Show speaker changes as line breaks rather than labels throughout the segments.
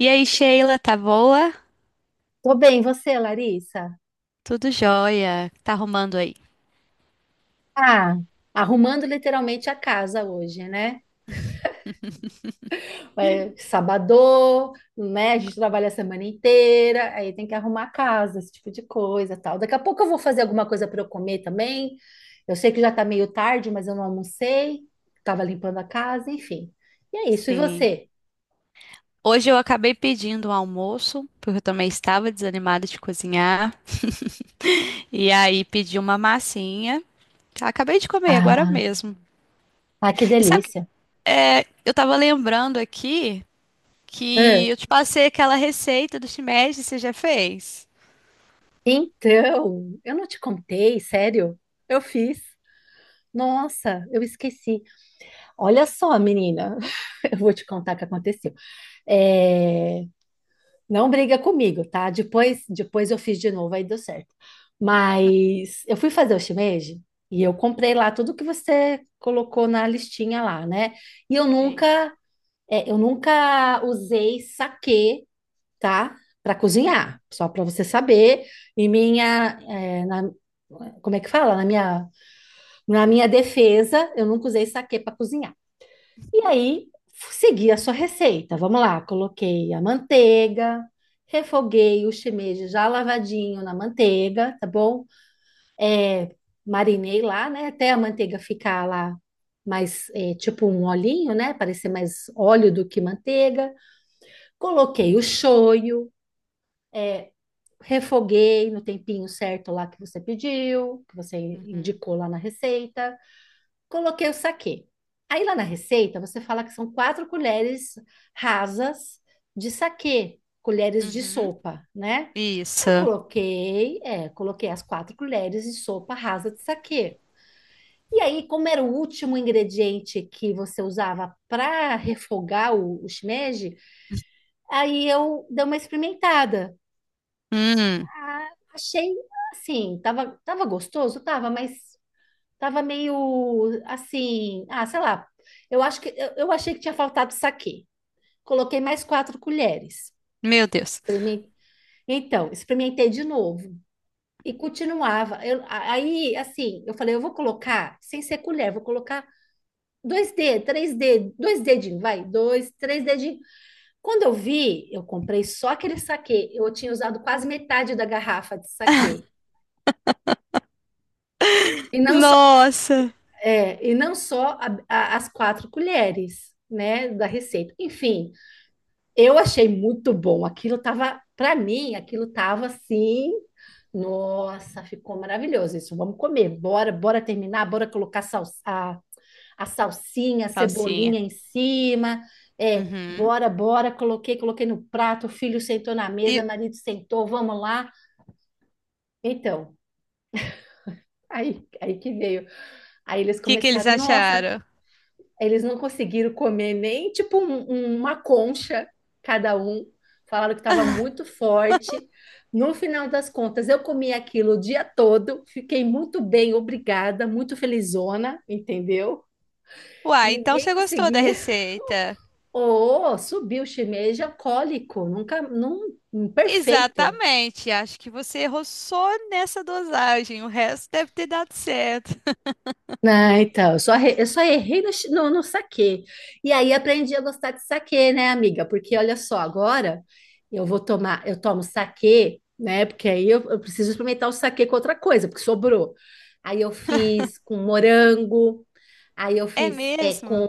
E aí, Sheila, tá boa?
Tô bem, você, Larissa?
Tudo jóia? Tá arrumando aí?
Ah, arrumando literalmente a casa hoje, né? É, sabadô, né? A gente trabalha a semana inteira, aí tem que arrumar a casa, esse tipo de coisa, tal. Daqui a pouco eu vou fazer alguma coisa para eu comer também. Eu sei que já tá meio tarde, mas eu não almocei, tava limpando a casa, enfim. E é isso, e
Sim.
você?
Hoje eu acabei pedindo um almoço, porque eu também estava desanimada de cozinhar. E aí pedi uma massinha. Tá, acabei de comer agora
Ah,
mesmo.
ah, que
E sabe,
delícia.
eu tava lembrando aqui
Ah,
que eu te passei aquela receita do shimeji, você já fez?
então, eu não te contei, sério? Eu fiz. Nossa, eu esqueci. Olha só, menina, eu vou te contar o que aconteceu. É, Não briga comigo, tá? Depois eu fiz de novo, aí deu certo. Mas eu fui fazer o shimeji e eu comprei lá tudo que você colocou na listinha lá, né? E eu
Sim.
nunca, eu nunca usei saquê, tá? Para
Uhum,
cozinhar, só para você saber. E minha, como é que fala? Na minha defesa, eu nunca usei saquê para cozinhar. E aí, segui a sua receita. Vamos lá, coloquei a manteiga, refoguei o shimeji já lavadinho na manteiga, tá bom? É, Marinei lá, né? Até a manteiga ficar lá mais, tipo um olhinho, né? Parecer mais óleo do que manteiga. Coloquei o shoyu, é, refoguei no tempinho certo lá que você pediu, que você
uhum,
indicou lá na receita. Coloquei o saquê. Aí lá na receita você fala que são quatro colheres rasas de saquê, colheres de
uhum.
sopa, né? Eu
Isso.
coloquei, coloquei as quatro colheres de sopa rasa de saquê. E aí, como era o último ingrediente que você usava para refogar o shimeji, aí eu dei uma experimentada.
Hum,
Ah, achei assim, tava gostoso, tava, mas tava meio assim, ah, sei lá. Eu acho que eu achei que tinha faltado saquê. Coloquei mais quatro colheres.
meu Deus.
Então, experimentei de novo e continuava. Assim, eu falei, eu vou colocar sem ser colher, vou colocar dois dedos, três dedos, dois dedinhos, vai, dois, três dedinhos. Quando eu vi, eu comprei só aquele saquê. Eu tinha usado quase metade da garrafa de saquê. E não só,
Nossa.
e não só as quatro colheres, né, da receita. Enfim, eu achei muito bom. Aquilo tava, para mim, aquilo tava assim. Nossa, ficou maravilhoso isso. Vamos comer. Bora, bora terminar, bora colocar sal, a salsinha, a
Salsinha.
cebolinha em cima. É,
Uhum.
bora, bora, coloquei, coloquei no prato, o filho sentou na mesa, o marido sentou, vamos lá. Então, aí, aí que veio. Aí eles
Que eles
começaram, nossa,
acharam?
eles não conseguiram comer nem tipo uma concha cada um. Falaram que estava muito forte. No final das contas, eu comi aquilo o dia todo, fiquei muito bem, obrigada, muito felizona, entendeu?
Uai, então
Ninguém
você gostou da
conseguia.
receita?
Oh, subiu shimeja cólico, nunca, num, perfeito.
Exatamente, acho que você errou só nessa dosagem, o resto deve ter dado certo.
Ah, então, eu só errei no saquê. E aí aprendi a gostar de saquê, né, amiga? Porque olha só, agora eu vou tomar, eu tomo saquê, né? Porque aí eu preciso experimentar o saquê com outra coisa, porque sobrou. Aí eu fiz com morango, aí eu
É
fiz com
mesmo?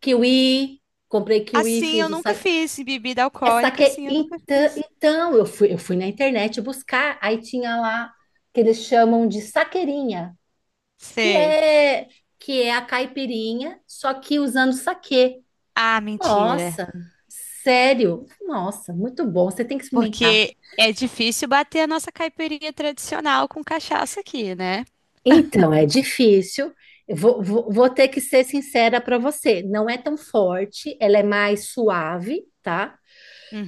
kiwi, comprei kiwi,
Assim
fiz
eu
o
nunca
saquê.
fiz bebida
É
alcoólica,
saquê,
assim eu nunca
então, então eu fui na internet buscar, aí tinha lá que eles chamam de saqueirinha que
sei.
é que é a caipirinha, só que usando saquê.
Ah, mentira.
Nossa, sério? Nossa, muito bom. Você tem que experimentar.
Porque é difícil bater a nossa caipirinha tradicional com cachaça aqui, né?
Então, é difícil. Eu vou, vou, vou ter que ser sincera para você. Não é tão forte, ela é mais suave, tá?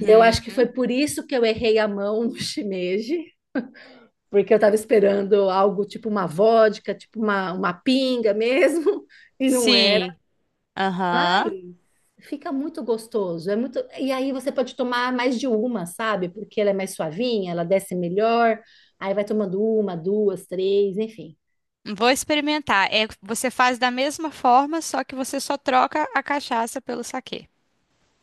E eu acho que foi por isso que eu errei a mão no shimeji, porque eu estava esperando algo tipo uma vodka, tipo uma pinga mesmo, e não era.
Sim.
Mas
Aham.
fica muito gostoso. É muito... E aí você pode tomar mais de uma, sabe? Porque ela é mais suavinha, ela desce melhor. Aí vai tomando uma, duas, três, enfim.
Vou experimentar. É, você faz da mesma forma, só que você só troca a cachaça pelo saquê.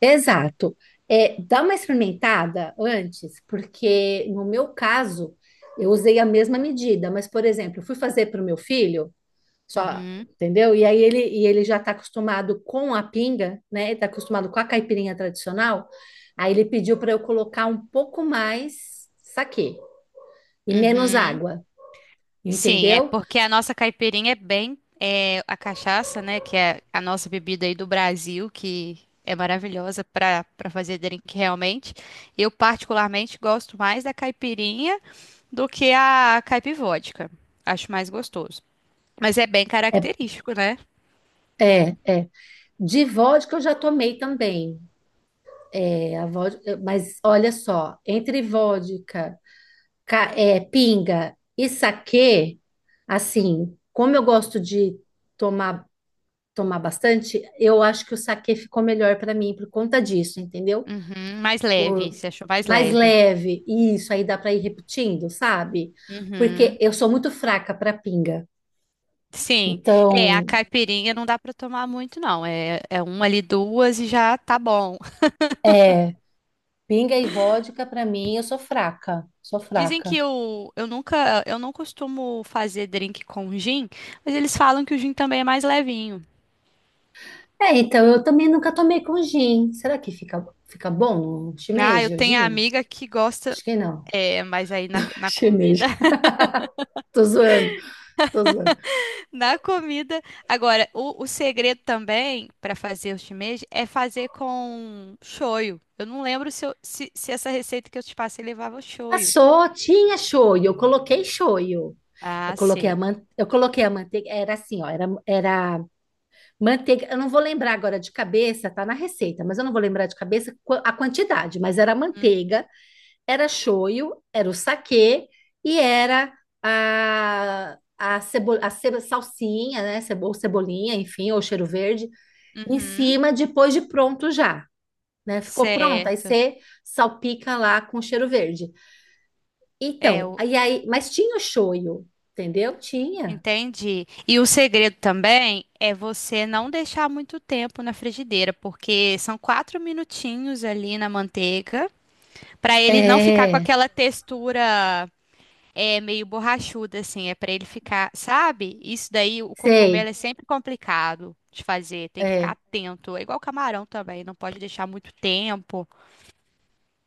Exato. É, dá uma experimentada antes, porque no meu caso, eu usei a mesma medida, mas, por exemplo, eu fui fazer para o meu filho. Só,
Uhum,
entendeu? E aí ele, e ele já está acostumado com a pinga, né? Ele está acostumado com a caipirinha tradicional. Aí ele pediu para eu colocar um pouco mais saquê e menos
uhum.
água,
Sim, é
entendeu?
porque a nossa caipirinha é bem é, a cachaça, né? Que é a nossa bebida aí do Brasil, que é maravilhosa para para fazer drink realmente. Eu particularmente gosto mais da caipirinha do que a caipivódica. Acho mais gostoso. Mas é bem
É,
característico, né?
É. De vodka eu já tomei também. É, a vodka, mas olha só, entre vodka, pinga e saquê, assim, como eu gosto de tomar tomar bastante, eu acho que o saquê ficou melhor para mim por conta disso, entendeu?
Uhum, mais leve,
Por
você achou mais
mais
leve.
leve, isso aí dá para ir repetindo, sabe?
Uhum.
Porque eu sou muito fraca para pinga.
Sim, é, a
Então,
caipirinha não dá para tomar muito, não. É, é uma ali, duas e já tá bom.
é, pinga e vodka para mim, eu sou fraca, sou
Dizem que
fraca.
eu nunca, eu não costumo fazer drink com gin, mas eles falam que o gin também é mais levinho.
É, então eu também nunca tomei com gin. Será que fica, fica bom no
Ah, eu
shimeji, o
tenho a
gin?
amiga que gosta,
Acho que não.
é, mas aí na, na comida,
Shimeji. Tô zoando, tô zoando.
na comida. Agora, o segredo também para fazer o shimeji é fazer com shoyu. Eu não lembro se essa receita que eu te passei levava shoyu.
Passou, tinha shoyu. Eu
Ah,
coloquei a
sei.
man... eu coloquei a manteiga, era assim, ó, era manteiga, eu não vou lembrar agora de cabeça, tá na receita, mas eu não vou lembrar de cabeça a quantidade, mas era
Uhum.
manteiga, era shoyu, era o saquê e era a salsinha, né, cebo... ou cebolinha, enfim, ou cheiro verde, em
Uhum.
cima depois de pronto já, né? Ficou pronto, aí
Certo.
você salpica lá com cheiro verde.
É,
Então, mas tinha o shoyu, entendeu? Tinha.
entendi. E o segredo também é você não deixar muito tempo na frigideira, porque são quatro minutinhos ali na manteiga, para ele não ficar com
É,
aquela textura é, meio borrachuda, assim, é para ele ficar, sabe? Isso daí, o
sei.
cogumelo é sempre complicado de fazer, tem que ficar
É,
atento. É igual camarão também, não pode deixar muito tempo.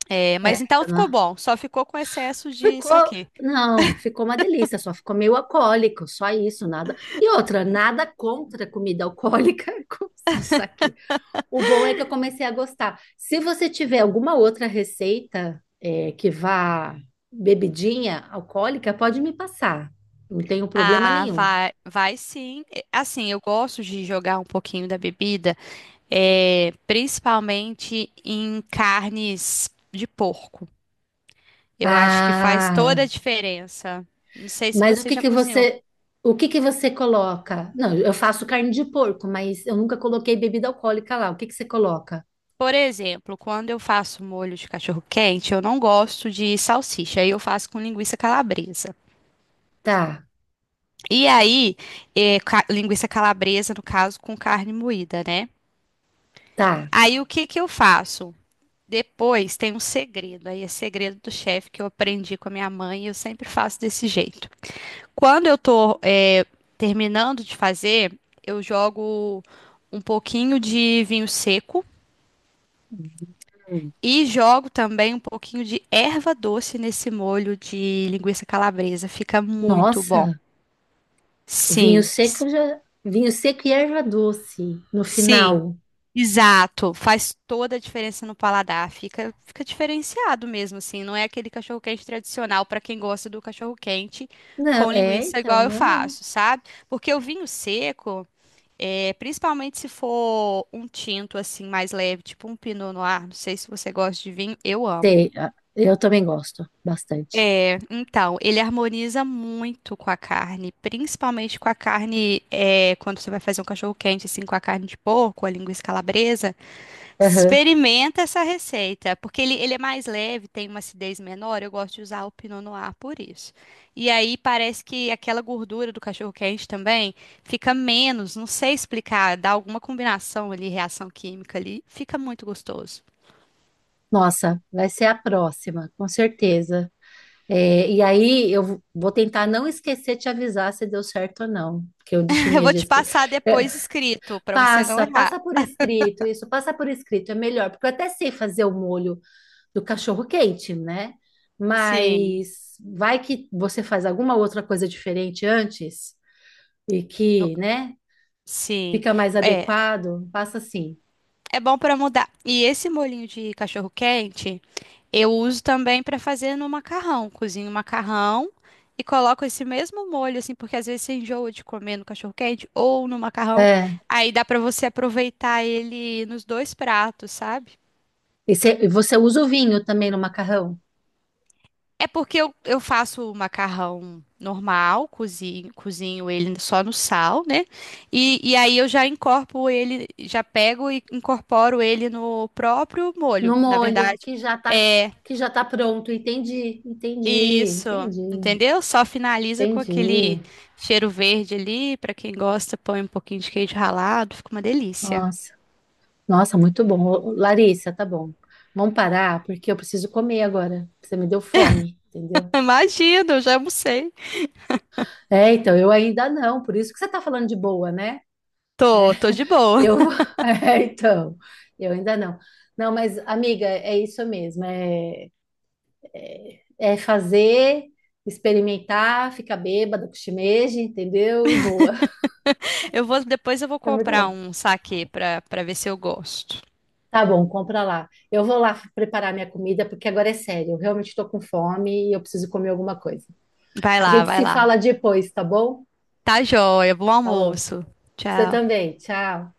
É,
é,
mas então ficou
né?
bom, só ficou com excesso de
Ficou,
saquê.
não, ficou uma delícia, só ficou meio alcoólico, só isso, nada. E outra, nada contra comida alcoólica, como se aqui. O bom é que eu comecei a gostar. Se você tiver alguma outra receita, que vá bebidinha alcoólica, pode me passar. Não tenho problema
Ah,
nenhum.
vai, vai sim. E, assim, eu gosto de jogar um pouquinho da bebida, é, principalmente em carnes de porco. Eu acho que faz
Ah,
toda a diferença. Não sei se
mas
você já cozinhou.
o que que você coloca? Não, eu faço carne de porco, mas eu nunca coloquei bebida alcoólica lá. O que que você coloca?
Por exemplo, quando eu faço molho de cachorro-quente, eu não gosto de salsicha, aí eu faço com linguiça calabresa.
Tá,
E aí, linguiça calabresa, no caso, com carne moída, né?
tá.
Aí o que que eu faço? Depois tem um segredo, aí é segredo do chefe que eu aprendi com a minha mãe e eu sempre faço desse jeito. Quando eu tô terminando de fazer, eu jogo um pouquinho de vinho seco
Hum.
e jogo também um pouquinho de erva doce nesse molho de linguiça calabresa. Fica muito
Nossa,
bom.
o vinho
Sim.
seco já, vinho seco e erva doce no
Sim,
final.
exato. Faz toda a diferença no paladar. Fica diferenciado mesmo, assim. Não é aquele cachorro-quente tradicional para quem gosta do cachorro-quente
Não,
com
é,
linguiça
então,
igual eu
não é não.
faço, sabe? Porque o vinho seco, é, principalmente se for um tinto assim mais leve, tipo um Pinot Noir, não sei se você gosta de vinho, eu amo.
Sei, ah, eu também gosto bastante.
Então, ele harmoniza muito com a carne, principalmente com a carne, é, quando você vai fazer um cachorro-quente assim com a carne de porco, a linguiça calabresa.
Aham.
Experimenta essa receita, porque ele é mais leve, tem uma acidez menor. Eu gosto de usar o Pinot Noir por isso. E aí parece que aquela gordura do cachorro quente também fica menos, não sei explicar, dá alguma combinação ali, reação química ali, fica muito gostoso.
Nossa, vai ser a próxima, com certeza. É, e aí eu vou tentar não esquecer de te avisar se deu certo ou não, porque eu deixei
Eu
meio
vou
de
te
esquecer.
passar depois escrito para você não
Passa,
errar.
passa por escrito, isso, passa por escrito, é melhor, porque eu até sei fazer o molho do cachorro-quente, né?
Sim,
Mas vai que você faz alguma outra coisa diferente antes e
no-
que, né,
sim.
fica mais
É,
adequado, passa assim.
é bom para mudar. E esse molhinho de cachorro quente eu uso também para fazer no macarrão. Cozinho o macarrão e coloco esse mesmo molho, assim, porque às vezes você enjoa de comer no cachorro-quente ou no macarrão.
É.
Aí dá para você aproveitar ele nos dois pratos, sabe?
E você usa o vinho também no macarrão,
É porque eu faço o macarrão normal, cozinho ele só no sal, né? E aí eu já incorporo ele, já pego e incorporo ele no próprio
no
molho. Na
molho,
verdade. É,
que já tá pronto,
isso, entendeu? Só finaliza com
entendi.
aquele cheiro verde ali. Pra quem gosta, põe um pouquinho de queijo ralado, fica uma delícia.
Nossa. Nossa, muito bom. Ô, Larissa, tá bom. Vamos parar, porque eu preciso comer agora. Você me deu fome, entendeu?
Imagina, eu já almocei.
É, então, eu ainda não, por isso que você tá falando de boa, né?
Tô, tô de boa.
Eu vou. É, então, eu ainda não. Não, mas, amiga, é isso mesmo. É fazer, experimentar, ficar bêbada com shimeji, entendeu? E boa.
Eu vou, depois eu vou
É muito
comprar
bom.
um saquê pra ver se eu gosto.
Tá bom, compra lá. Eu vou lá preparar minha comida, porque agora é sério. Eu realmente estou com fome e eu preciso comer alguma coisa.
Vai
A
lá,
gente
vai
se
lá.
fala depois, tá bom?
Tá joia, bom
Falou.
almoço.
Você
Tchau.
também. Tchau.